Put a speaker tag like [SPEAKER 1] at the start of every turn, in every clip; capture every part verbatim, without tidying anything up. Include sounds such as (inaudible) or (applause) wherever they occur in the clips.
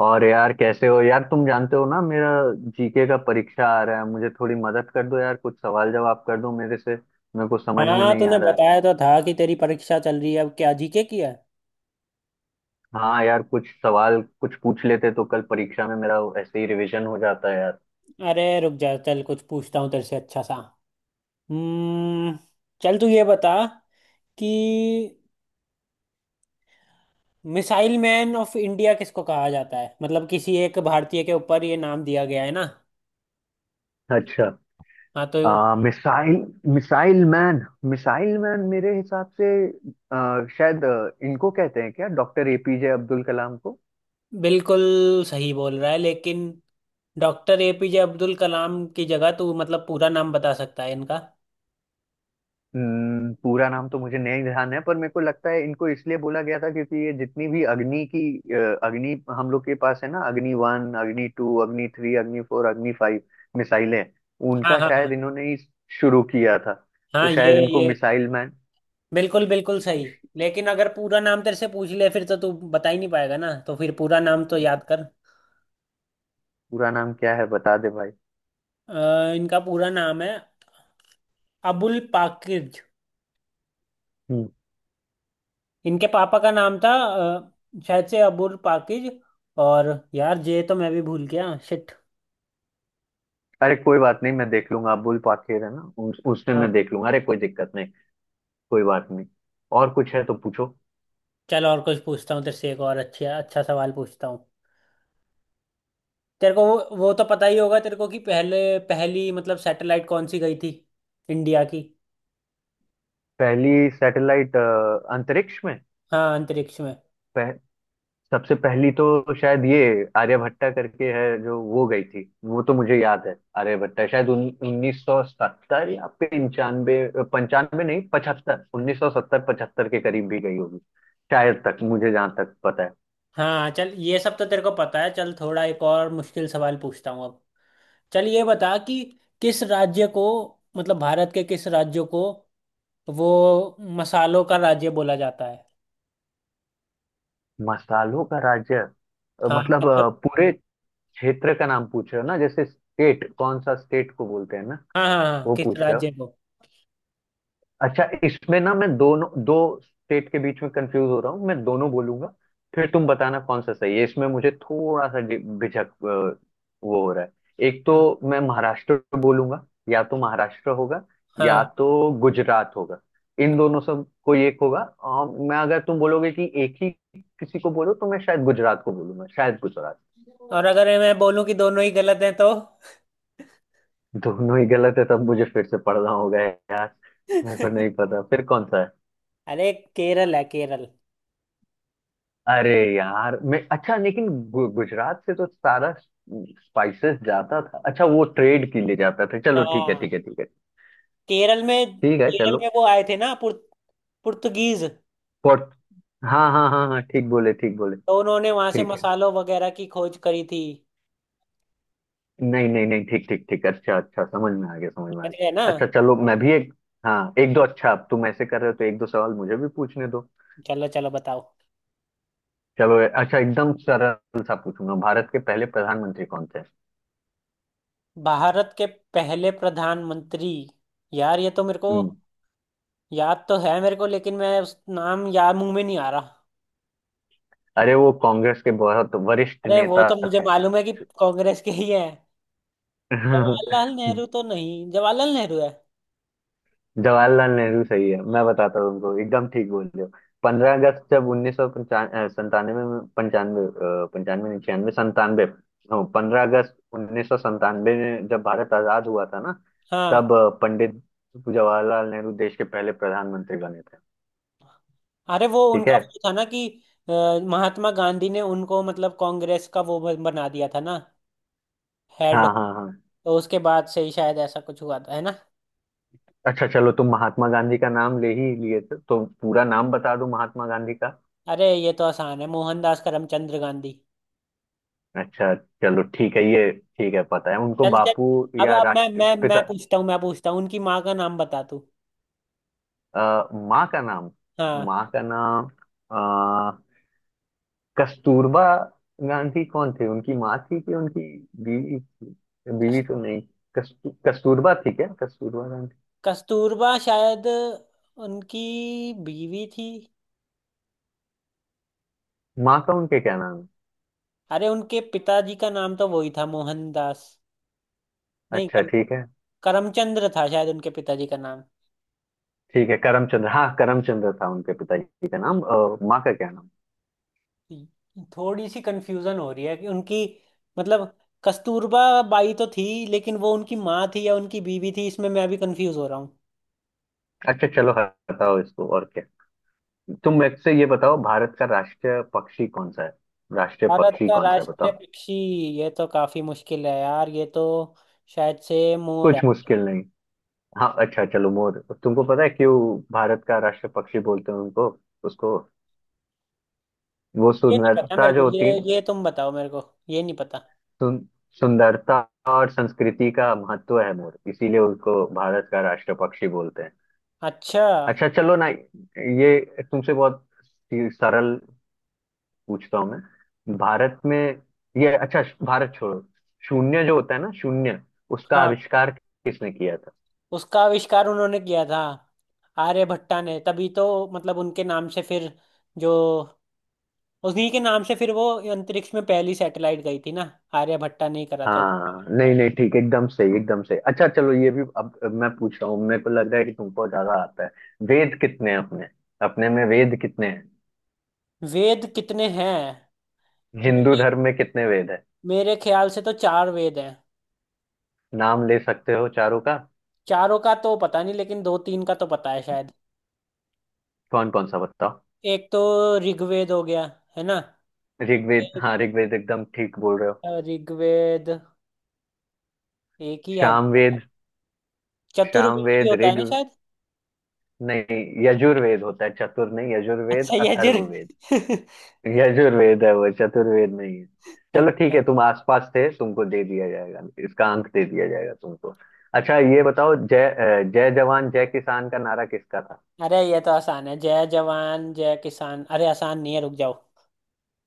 [SPEAKER 1] और यार कैसे हो यार, तुम जानते हो ना। मेरा जीके का परीक्षा आ रहा है, मुझे थोड़ी मदद कर दो यार। कुछ सवाल जवाब कर दो मेरे से, मेरे को समझ में
[SPEAKER 2] हाँ,
[SPEAKER 1] नहीं
[SPEAKER 2] तूने
[SPEAKER 1] आ रहा है।
[SPEAKER 2] बताया तो था कि तेरी परीक्षा चल रही है। अब क्या जीके की है?
[SPEAKER 1] हाँ यार, कुछ सवाल कुछ पूछ लेते तो कल परीक्षा में मेरा ऐसे ही रिवीजन हो जाता है यार।
[SPEAKER 2] अरे रुक जा, चल कुछ पूछता हूँ तेरे से अच्छा सा। हम्म। चल तू ये बता कि मिसाइल मैन ऑफ इंडिया किसको कहा जाता है? मतलब किसी एक भारतीय के ऊपर ये नाम दिया गया है ना।
[SPEAKER 1] अच्छा।
[SPEAKER 2] हाँ तो
[SPEAKER 1] आ, missile missile man. Missile man मेरे हिसाब से आ, शायद आ, इनको कहते हैं क्या? डॉक्टर एपीजे अब्दुल कलाम को।
[SPEAKER 2] बिल्कुल सही बोल रहा है, लेकिन डॉक्टर एपीजे अब्दुल कलाम की जगह तू मतलब पूरा नाम बता सकता है इनका?
[SPEAKER 1] हम्म, पूरा नाम तो मुझे नहीं ध्यान है, पर मेरे को लगता है इनको इसलिए बोला गया था क्योंकि ये जितनी भी अग्नि की अ, अग्नि हम लोग के पास है ना, अग्नि वन, अग्नि टू, अग्नि थ्री, अग्नि फोर, अग्नि फाइव मिसाइलें,
[SPEAKER 2] हाँ
[SPEAKER 1] उनका
[SPEAKER 2] हाँ हाँ।
[SPEAKER 1] शायद इन्होंने ही शुरू किया था।
[SPEAKER 2] हाँ
[SPEAKER 1] तो
[SPEAKER 2] ये
[SPEAKER 1] शायद इनको
[SPEAKER 2] ये
[SPEAKER 1] मिसाइल मैन।
[SPEAKER 2] बिल्कुल बिल्कुल सही। लेकिन अगर पूरा नाम तेरे से पूछ ले फिर तो तू बता ही नहीं पाएगा ना, तो फिर पूरा नाम तो याद कर।
[SPEAKER 1] पूरा नाम क्या है बता दे भाई।
[SPEAKER 2] अ, इनका पूरा नाम है अबुल पाकिज।
[SPEAKER 1] हम्म।
[SPEAKER 2] इनके पापा का नाम था अ, शायद से अबुल पाकिज। और यार जे तो मैं भी भूल गया, शिट।
[SPEAKER 1] अरे कोई बात नहीं, मैं देख लूंगा। अबुल पाखिर है ना, उस, उसमें
[SPEAKER 2] हाँ,
[SPEAKER 1] मैं देख लूंगा। अरे कोई दिक्कत नहीं, कोई बात नहीं। और कुछ है तो पूछो।
[SPEAKER 2] चल और कुछ पूछता हूँ तेरे से, एक और अच्छा अच्छा सवाल पूछता हूँ। तेरे को वो वो तो पता ही होगा तेरे को कि पहले, पहली मतलब सैटेलाइट कौन सी गई थी इंडिया की?
[SPEAKER 1] पहली सैटेलाइट अंतरिक्ष में।
[SPEAKER 2] हाँ, अंतरिक्ष में।
[SPEAKER 1] पह, सबसे पहली तो शायद ये आर्यभट्टा करके है जो वो गई थी, वो तो मुझे याद है। आर्यभट्टा शायद उन, उन्नीस सौ सत्तर या 95, पंचानवे नहीं, पचहत्तर, उन्नीस सौ सत्तर पचहत्तर के करीब भी गई होगी शायद, तक मुझे जहां तक पता है।
[SPEAKER 2] हाँ, चल ये सब तो तेरे को पता है। चल थोड़ा एक और मुश्किल सवाल पूछता हूँ अब। चल ये बता कि किस राज्य को, मतलब भारत के किस राज्य को वो मसालों का राज्य बोला जाता है?
[SPEAKER 1] मसालों का राज्य, अ,
[SPEAKER 2] हाँ
[SPEAKER 1] मतलब
[SPEAKER 2] मतलब।
[SPEAKER 1] अ, पूरे क्षेत्र का नाम पूछ रहे हो ना, जैसे स्टेट? कौन सा स्टेट को बोलते हैं ना,
[SPEAKER 2] हाँ हाँ हाँ,
[SPEAKER 1] वो
[SPEAKER 2] किस
[SPEAKER 1] पूछ रहे हो?
[SPEAKER 2] राज्य को।
[SPEAKER 1] अच्छा, इसमें ना मैं दोनों दो स्टेट के बीच में कंफ्यूज हो रहा हूँ, मैं दोनों बोलूंगा। फिर तुम बताना कौन सा सही है। इसमें मुझे थोड़ा सा डि- झिझक अ, वो हो रहा है। एक तो मैं महाराष्ट्र बोलूंगा, या तो महाराष्ट्र होगा या
[SPEAKER 2] हाँ,
[SPEAKER 1] तो गुजरात होगा। इन दोनों से कोई एक होगा, और मैं अगर तुम बोलोगे कि एक ही किसी को बोलो तो मैं शायद गुजरात को बोलूंगा, शायद गुजरात।
[SPEAKER 2] और अगर मैं बोलूँ कि दोनों ही गलत हैं तो?
[SPEAKER 1] दोनों ही गलत है तब मुझे फिर से पढ़ना होगा यार। मेरे को नहीं
[SPEAKER 2] (laughs)
[SPEAKER 1] पता फिर कौन सा है।
[SPEAKER 2] अरे केरल है, केरल।
[SPEAKER 1] अरे यार, मैं अच्छा, लेकिन गु, गुजरात से तो सारा स्पाइसेस जाता था। अच्छा, वो ट्रेड के लिए जाता था, चलो ठीक है
[SPEAKER 2] हाँ।
[SPEAKER 1] ठीक है ठीक है।
[SPEAKER 2] केरल में।
[SPEAKER 1] ठीक है
[SPEAKER 2] केरल
[SPEAKER 1] चलो।
[SPEAKER 2] में वो आए थे ना पुर्त, पुर्तगीज।
[SPEAKER 1] फॉर। हाँ हाँ हाँ हाँ, ठीक बोले ठीक बोले।
[SPEAKER 2] तो उन्होंने वहां से
[SPEAKER 1] ठीक है।
[SPEAKER 2] मसालों वगैरह की खोज करी थी।
[SPEAKER 1] नहीं नहीं नहीं ठीक ठीक ठीक, अच्छा अच्छा, समझ में आ गया समझ में आ
[SPEAKER 2] समझ गए ना?
[SPEAKER 1] गया। अच्छा चलो, मैं भी एक, हाँ एक दो, अच्छा अब तुम ऐसे कर रहे हो तो एक दो सवाल मुझे भी पूछने दो।
[SPEAKER 2] चलो चलो बताओ।
[SPEAKER 1] चलो अच्छा, एकदम सरल सा पूछूंगा। भारत के पहले प्रधानमंत्री कौन थे?
[SPEAKER 2] भारत के पहले प्रधानमंत्री? यार ये तो मेरे को,
[SPEAKER 1] हम्म।
[SPEAKER 2] याद तो है मेरे को लेकिन मैं उस नाम याद मुंह में नहीं आ रहा।
[SPEAKER 1] अरे वो कांग्रेस के बहुत वरिष्ठ
[SPEAKER 2] अरे वो
[SPEAKER 1] नेता
[SPEAKER 2] तो मुझे
[SPEAKER 1] थे।
[SPEAKER 2] मालूम है कि कांग्रेस के ही है।
[SPEAKER 1] (laughs) हाँ।
[SPEAKER 2] जवाहरलाल नेहरू तो नहीं? जवाहरलाल नेहरू है।
[SPEAKER 1] जवाहरलाल नेहरू सही है, मैं बताता हूँ तुमको, एकदम ठीक बोल रहे हो। पंद्रह अगस्त जब उन्नीस सौ संतानवे में, पंचानवे, अ, पंचानवे नहीं, छियानवे, संतानवे। पंद्रह अगस्त उन्नीस सौ संतानवे में जब भारत आजाद हुआ था ना,
[SPEAKER 2] हाँ।
[SPEAKER 1] तब अ, पंडित जवाहरलाल नेहरू देश के पहले प्रधानमंत्री बने थे।
[SPEAKER 2] अरे वो
[SPEAKER 1] ठीक
[SPEAKER 2] उनका
[SPEAKER 1] है।
[SPEAKER 2] वो था ना कि, अ, महात्मा गांधी ने उनको मतलब कांग्रेस का वो ब- बना दिया था ना, हेड।
[SPEAKER 1] हाँ हाँ हाँ।
[SPEAKER 2] तो उसके बाद से ही शायद ऐसा कुछ हुआ था, है ना।
[SPEAKER 1] अच्छा चलो, तुम महात्मा गांधी का नाम ले ही लिए थे तो पूरा नाम बता दो महात्मा गांधी का।
[SPEAKER 2] अरे ये तो आसान है, मोहनदास करमचंद गांधी।
[SPEAKER 1] अच्छा चलो, ठीक है ये, ठीक है। पता है उनको
[SPEAKER 2] चल चल,
[SPEAKER 1] बापू
[SPEAKER 2] अब
[SPEAKER 1] या
[SPEAKER 2] अब मैं मैं मैं
[SPEAKER 1] राष्ट्रपिता।
[SPEAKER 2] पूछता हूँ, मैं पूछता हूँ, उनकी माँ का नाम बता तू।
[SPEAKER 1] अ, माँ का नाम?
[SPEAKER 2] हाँ।
[SPEAKER 1] माँ का नाम? अ, कस्तूरबा गांधी कौन थे? उनकी माँ थी कि उनकी बीवी थी?
[SPEAKER 2] कस-
[SPEAKER 1] बीवी तो नहीं, कस्तू, कस्तूरबा थी क्या, कस्तूरबा गांधी?
[SPEAKER 2] कस्तूरबा शायद उनकी बीवी थी।
[SPEAKER 1] माँ का उनके क्या नाम
[SPEAKER 2] अरे उनके पिताजी का नाम तो वही था मोहनदास।
[SPEAKER 1] है?
[SPEAKER 2] नहीं
[SPEAKER 1] अच्छा
[SPEAKER 2] कर,
[SPEAKER 1] ठीक है।
[SPEAKER 2] करमचंद्र था शायद उनके पिताजी का नाम।
[SPEAKER 1] ठीक है, करमचंद्र, हाँ करमचंद्र था उनके पिताजी का नाम। अ, माँ का क्या नाम?
[SPEAKER 2] थोड़ी सी कंफ्यूजन हो रही है कि उनकी, मतलब कस्तूरबा बाई तो थी, लेकिन वो उनकी माँ थी या उनकी बीवी थी, इसमें मैं भी कंफ्यूज हो रहा हूँ।
[SPEAKER 1] अच्छा चलो हटाओ इसको। और क्या, तुम मुझसे ये बताओ, भारत का राष्ट्रीय पक्षी कौन सा है? राष्ट्रीय
[SPEAKER 2] भारत
[SPEAKER 1] पक्षी
[SPEAKER 2] का
[SPEAKER 1] कौन सा है,
[SPEAKER 2] राष्ट्रीय
[SPEAKER 1] बताओ।
[SPEAKER 2] पक्षी? ये तो काफी मुश्किल है यार, ये तो शायद से मोर है।
[SPEAKER 1] कुछ मुश्किल नहीं। हाँ अच्छा चलो, मोर। तुमको पता है क्यों भारत का राष्ट्र पक्षी बोलते हैं उनको, उसको? वो
[SPEAKER 2] ये नहीं पता
[SPEAKER 1] सुंदरता
[SPEAKER 2] मेरे को,
[SPEAKER 1] जो
[SPEAKER 2] ये
[SPEAKER 1] होती,
[SPEAKER 2] ये तुम बताओ, मेरे को ये नहीं पता।
[SPEAKER 1] सुन, सुंदरता और संस्कृति का महत्व है मोर, इसीलिए उसको भारत का राष्ट्र पक्षी बोलते हैं।
[SPEAKER 2] अच्छा।
[SPEAKER 1] अच्छा चलो ना, ये तुमसे बहुत सी- सरल पूछता हूँ मैं, भारत में, ये अच्छा भारत छोड़ो। शून्य जो होता है ना, शून्य, उसका
[SPEAKER 2] हाँ,
[SPEAKER 1] आविष्कार किसने किया था?
[SPEAKER 2] उसका आविष्कार उन्होंने किया था, आर्यभट्टा ने। तभी तो मतलब उनके नाम से फिर जो, उन्हीं के नाम से फिर वो अंतरिक्ष में पहली सैटेलाइट गई थी ना। आर्यभट्टा ने ही करा था उसका
[SPEAKER 1] हाँ नहीं
[SPEAKER 2] आविष्कार।
[SPEAKER 1] नहीं ठीक, एकदम सही एकदम सही। अच्छा चलो ये भी। अब अब मैं पूछ रहा हूँ, मेरे को लग रहा है कि तुमको ज्यादा आता है। वेद कितने हैं अपने? अपने में वेद कितने हैं?
[SPEAKER 2] वेद कितने हैं?
[SPEAKER 1] हिंदू
[SPEAKER 2] मेरे
[SPEAKER 1] धर्म में कितने वेद है?
[SPEAKER 2] मेरे ख्याल से तो चार वेद हैं।
[SPEAKER 1] नाम ले सकते हो चारों का?
[SPEAKER 2] चारों का तो पता नहीं, लेकिन दो तीन का तो पता है शायद।
[SPEAKER 1] कौन कौन सा बताओ।
[SPEAKER 2] एक तो ऋग्वेद हो गया, है ना।
[SPEAKER 1] ऋग्वेद,
[SPEAKER 2] एक
[SPEAKER 1] हाँ ऋग्वेद, एकदम ठीक बोल रहे हो।
[SPEAKER 2] अ, ऋग्वेद, एक ही याद
[SPEAKER 1] सामवेद।
[SPEAKER 2] है। चतुर्वेद भी
[SPEAKER 1] सामवेद,
[SPEAKER 2] होता है
[SPEAKER 1] ऋग,
[SPEAKER 2] ना शायद।
[SPEAKER 1] नहीं यजुर्वेद होता है, चतुर नहीं, यजुर्वेद,
[SPEAKER 2] अच्छा, यजुर्।
[SPEAKER 1] अथर्ववेद।
[SPEAKER 2] (laughs)
[SPEAKER 1] यजुर्वेद है वो, चतुर्वेद नहीं है। चलो ठीक
[SPEAKER 2] अच्छा।
[SPEAKER 1] है, तुम आसपास थे, तुमको दे दिया जाएगा इसका अंक, दे दिया जाएगा तुमको। अच्छा ये बताओ, जय अ, जय जवान जय किसान का नारा किसका था?
[SPEAKER 2] अरे ये तो आसान है, जय जवान जय किसान। अरे आसान नहीं है, रुक जाओ।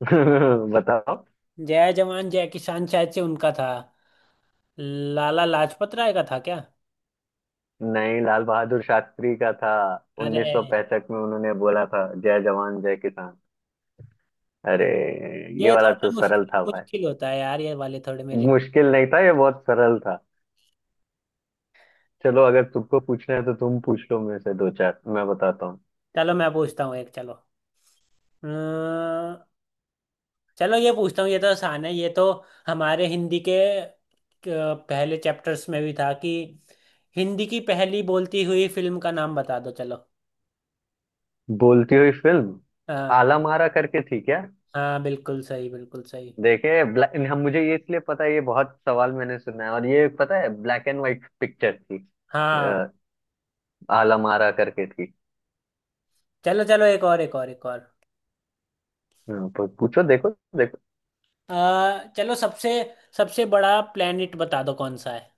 [SPEAKER 1] (laughs) बताओ।
[SPEAKER 2] जय जवान जय किसान शायद से उनका था, लाला लाजपत राय का था क्या?
[SPEAKER 1] नहीं, लाल बहादुर शास्त्री का था।
[SPEAKER 2] अरे
[SPEAKER 1] उन्नीस सौ पैंसठ में उन्होंने बोला था जय जवान जय किसान। अरे, ये
[SPEAKER 2] ये
[SPEAKER 1] वाला
[SPEAKER 2] थोड़ा
[SPEAKER 1] तो सरल
[SPEAKER 2] मुश्किल
[SPEAKER 1] था भाई,
[SPEAKER 2] मुश्किल होता है यार, ये वाले थोड़े मेरे लिए।
[SPEAKER 1] मुश्किल नहीं था, ये बहुत सरल था। चलो अगर तुमको पूछना है तो तुम पूछ लो, मेरे से दो चार मैं बताता हूँ।
[SPEAKER 2] चलो मैं पूछता हूँ एक, चलो। अम्म, चलो ये पूछता हूँ, ये तो आसान है ये तो। हमारे हिंदी के क- पहले चैप्टर्स में भी था कि हिंदी की पहली बोलती हुई फिल्म का नाम बता दो, चलो।
[SPEAKER 1] बोलती हुई फिल्म,
[SPEAKER 2] हाँ,
[SPEAKER 1] आला मारा करके थी क्या?
[SPEAKER 2] हाँ बिल्कुल सही, बिल्कुल सही।
[SPEAKER 1] देखे ब्लैक, हम, मुझे ये इसलिए पता है, ये बहुत सवाल मैंने सुना है, और ये पता है ब्लैक एंड व्हाइट पिक्चर थी।
[SPEAKER 2] हाँ
[SPEAKER 1] अ, आलमारा करके थी।
[SPEAKER 2] चलो चलो, एक और एक और एक और।
[SPEAKER 1] हाँ, प- पूछो देखो, देखो।
[SPEAKER 2] आ, चलो सबसे सबसे बड़ा प्लेनेट बता दो कौन सा है।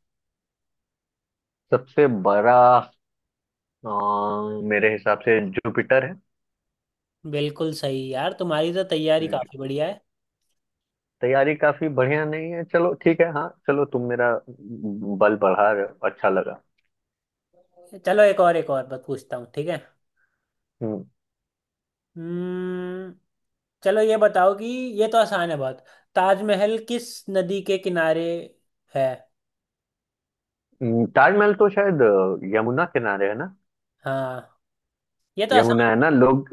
[SPEAKER 1] सबसे बड़ा, अ, मेरे हिसाब से जुपिटर है।
[SPEAKER 2] बिल्कुल सही यार, तुम्हारी तो तैयारी
[SPEAKER 1] जु-
[SPEAKER 2] काफी बढ़िया है।
[SPEAKER 1] तैयारी काफी बढ़िया नहीं है, चलो ठीक है। हाँ चलो, तुम मेरा बल बढ़ा रहे हो, अच्छा लगा।
[SPEAKER 2] चलो एक और, एक और बात पूछता हूँ, ठीक है।
[SPEAKER 1] हम्म,
[SPEAKER 2] हम्म। चलो ये बताओ कि, ये तो आसान है बहुत, ताजमहल किस नदी के किनारे है?
[SPEAKER 1] हम्म, ताजमहल तो शायद अ, यमुना किनारे है ना।
[SPEAKER 2] हाँ, ये तो
[SPEAKER 1] यमुना
[SPEAKER 2] आसान
[SPEAKER 1] है
[SPEAKER 2] था।
[SPEAKER 1] ना लोग।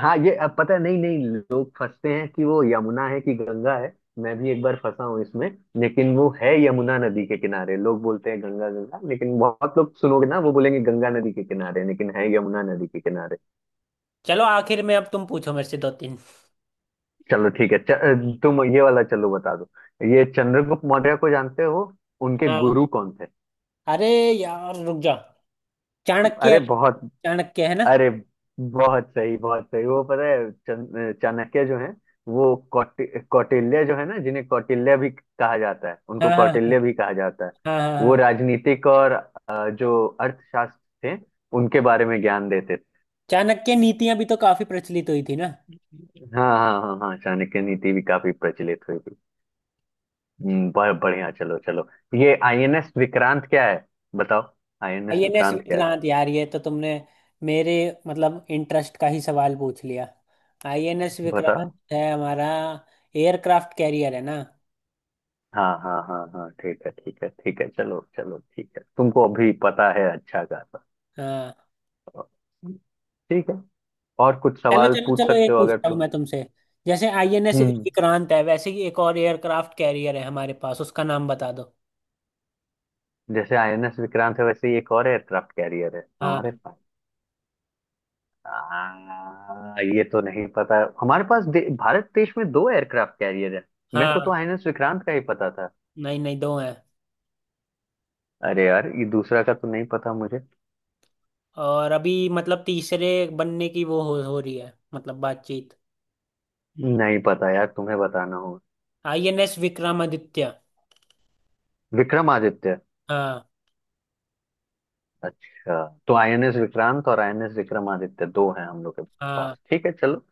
[SPEAKER 1] हाँ ये अब पता है। नहीं नहीं, लोग फंसते हैं कि वो यमुना है कि गंगा है। मैं भी एक बार फंसा हूँ इसमें, लेकिन वो है यमुना नदी के किनारे। लोग बोलते हैं गंगा गंगा, लेकिन बहुत लोग सुनोगे ना, वो बोलेंगे गंगा नदी के किनारे, लेकिन है यमुना नदी के किनारे।
[SPEAKER 2] चलो आखिर में अब तुम पूछो मेरे से दो तीन।
[SPEAKER 1] चलो ठीक है। च, तुम ये वाला चलो बता दो, ये चंद्रगुप्त मौर्य को जानते हो, उनके
[SPEAKER 2] हाँ,
[SPEAKER 1] गुरु कौन थे?
[SPEAKER 2] अरे यार रुक जा। चाणक्य है,
[SPEAKER 1] अरे बहुत।
[SPEAKER 2] चाणक्य है ना।
[SPEAKER 1] अरे बहुत सही, बहुत सही। वो पता है, चन- चाणक्य जो है, वो कौटि, कौटिल्य जो है ना, जिन्हें कौटिल्य भी कहा जाता है, उनको
[SPEAKER 2] हाँ हाँ
[SPEAKER 1] कौटिल्य भी कहा जाता है।
[SPEAKER 2] हाँ हाँ। हाँ
[SPEAKER 1] वो
[SPEAKER 2] हाँ,
[SPEAKER 1] राजनीतिक और अ, जो अर्थशास्त्र थे, उनके बारे में ज्ञान देते थे।
[SPEAKER 2] चाणक्य नीतियां भी तो काफी प्रचलित हुई थी ना।
[SPEAKER 1] हाँ हाँ हाँ हाँ, चाणक्य नीति भी काफी प्रचलित हुई थी। हम्म, ब- बढ़िया चलो चलो। ये आईएनएस विक्रांत क्या है, बताओ? आईएनएस
[SPEAKER 2] आईएनएस
[SPEAKER 1] विक्रांत क्या है
[SPEAKER 2] विक्रांत, यार ये तो तुमने मेरे, मतलब इंटरेस्ट का ही सवाल पूछ लिया। आईएनएस विक्रांत
[SPEAKER 1] बताओ?
[SPEAKER 2] है हमारा एयरक्राफ्ट कैरियर, है ना।
[SPEAKER 1] हाँ हाँ हाँ हाँ, ठीक है ठीक है ठीक है, चलो चलो ठीक है, तुमको अभी पता है अच्छा खासा।
[SPEAKER 2] हाँ।
[SPEAKER 1] ठीक है। और कुछ
[SPEAKER 2] चलो
[SPEAKER 1] सवाल
[SPEAKER 2] चलो
[SPEAKER 1] पूछ
[SPEAKER 2] चलो, एक
[SPEAKER 1] सकते हो अगर
[SPEAKER 2] पूछता हूँ
[SPEAKER 1] तो।
[SPEAKER 2] मैं तुमसे। जैसे आईएनएस
[SPEAKER 1] हम्म।
[SPEAKER 2] विक्रांत है, वैसे ही एक और एयरक्राफ्ट कैरियर है हमारे पास, उसका नाम बता दो।
[SPEAKER 1] जैसे आईएनएस विक्रांत है वैसे ही एक और एयरक्राफ्ट कैरियर है
[SPEAKER 2] हाँ।
[SPEAKER 1] हमारे पास। आ, ये तो नहीं पता। हमारे पास, दे, भारत देश में दो एयरक्राफ्ट कैरियर है। मेरे को तो
[SPEAKER 2] हाँ
[SPEAKER 1] आईएनएस विक्रांत का ही पता था।
[SPEAKER 2] नहीं नहीं, दो हैं।
[SPEAKER 1] अरे यार, ये दूसरा का तो नहीं पता मुझे।
[SPEAKER 2] और अभी मतलब तीसरे बनने की वो हो, हो रही है मतलब बातचीत।
[SPEAKER 1] नहीं पता यार, तुम्हें बताना होगा।
[SPEAKER 2] आईएनएस विक्रमादित्य।
[SPEAKER 1] विक्रमादित्य।
[SPEAKER 2] हाँ।
[SPEAKER 1] अच्छा तो आईएनएस विक्रांत और आईएनएस विक्रमादित्य दो हैं हम लोग के
[SPEAKER 2] हाँ
[SPEAKER 1] पास, ठीक है चलो।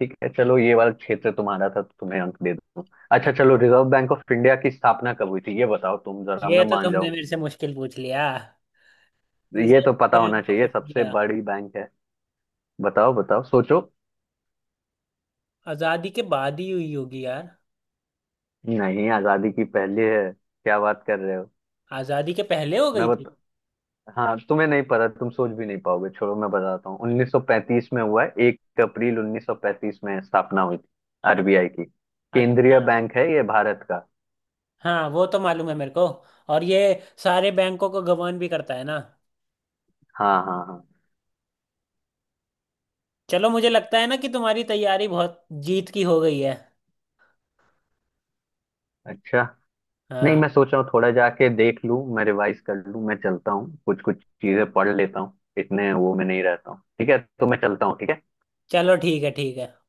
[SPEAKER 1] ठीक है चलो, ये वाला क्षेत्र तुम्हारा था तो तुम्हें अंक दे दूं। अच्छा
[SPEAKER 2] हाँ।
[SPEAKER 1] चलो, रिजर्व बैंक ऑफ इंडिया की स्थापना कब हुई थी, ये बताओ तुम जरा,
[SPEAKER 2] ये
[SPEAKER 1] मैं
[SPEAKER 2] तो
[SPEAKER 1] मान
[SPEAKER 2] तुमने
[SPEAKER 1] जाऊं।
[SPEAKER 2] मेरे से मुश्किल पूछ लिया,
[SPEAKER 1] ये तो
[SPEAKER 2] रिजर्व
[SPEAKER 1] पता होना
[SPEAKER 2] बैंक ऑफ
[SPEAKER 1] चाहिए, सबसे
[SPEAKER 2] इंडिया।
[SPEAKER 1] बड़ी बैंक है। बताओ बताओ सोचो।
[SPEAKER 2] आजादी के बाद ही हुई होगी यार।
[SPEAKER 1] नहीं, आजादी की पहले है, क्या बात कर रहे हो।
[SPEAKER 2] आजादी के पहले हो
[SPEAKER 1] मैं
[SPEAKER 2] गई थी।
[SPEAKER 1] बता। हाँ तुम्हें नहीं पता, तुम सोच भी नहीं पाओगे, छोड़ो मैं बताता हूँ। उन्नीस सौ पैंतीस में हुआ है, एक अप्रैल उन्नीस सौ पैंतीस में स्थापना हुई थी आरबीआई की।
[SPEAKER 2] अच्छा।
[SPEAKER 1] केंद्रीय बैंक है ये भारत का।
[SPEAKER 2] हाँ, वो तो मालूम है मेरे को। और ये सारे बैंकों को गवर्न भी करता है ना।
[SPEAKER 1] हाँ हाँ हाँ।
[SPEAKER 2] चलो मुझे लगता है ना कि तुम्हारी तैयारी बहुत जीत की हो गई है।
[SPEAKER 1] अच्छा। नहीं,
[SPEAKER 2] हाँ,
[SPEAKER 1] मैं सोच रहा हूँ थोड़ा जाके देख लूँ, मैं रिवाइज कर लूँ, मैं चलता हूँ, कुछ कुछ चीजें पढ़ लेता हूँ, इतने वो में नहीं रहता हूँ। ठीक है तो मैं चलता हूँ, ठीक है।
[SPEAKER 2] चलो ठीक है, ठीक है।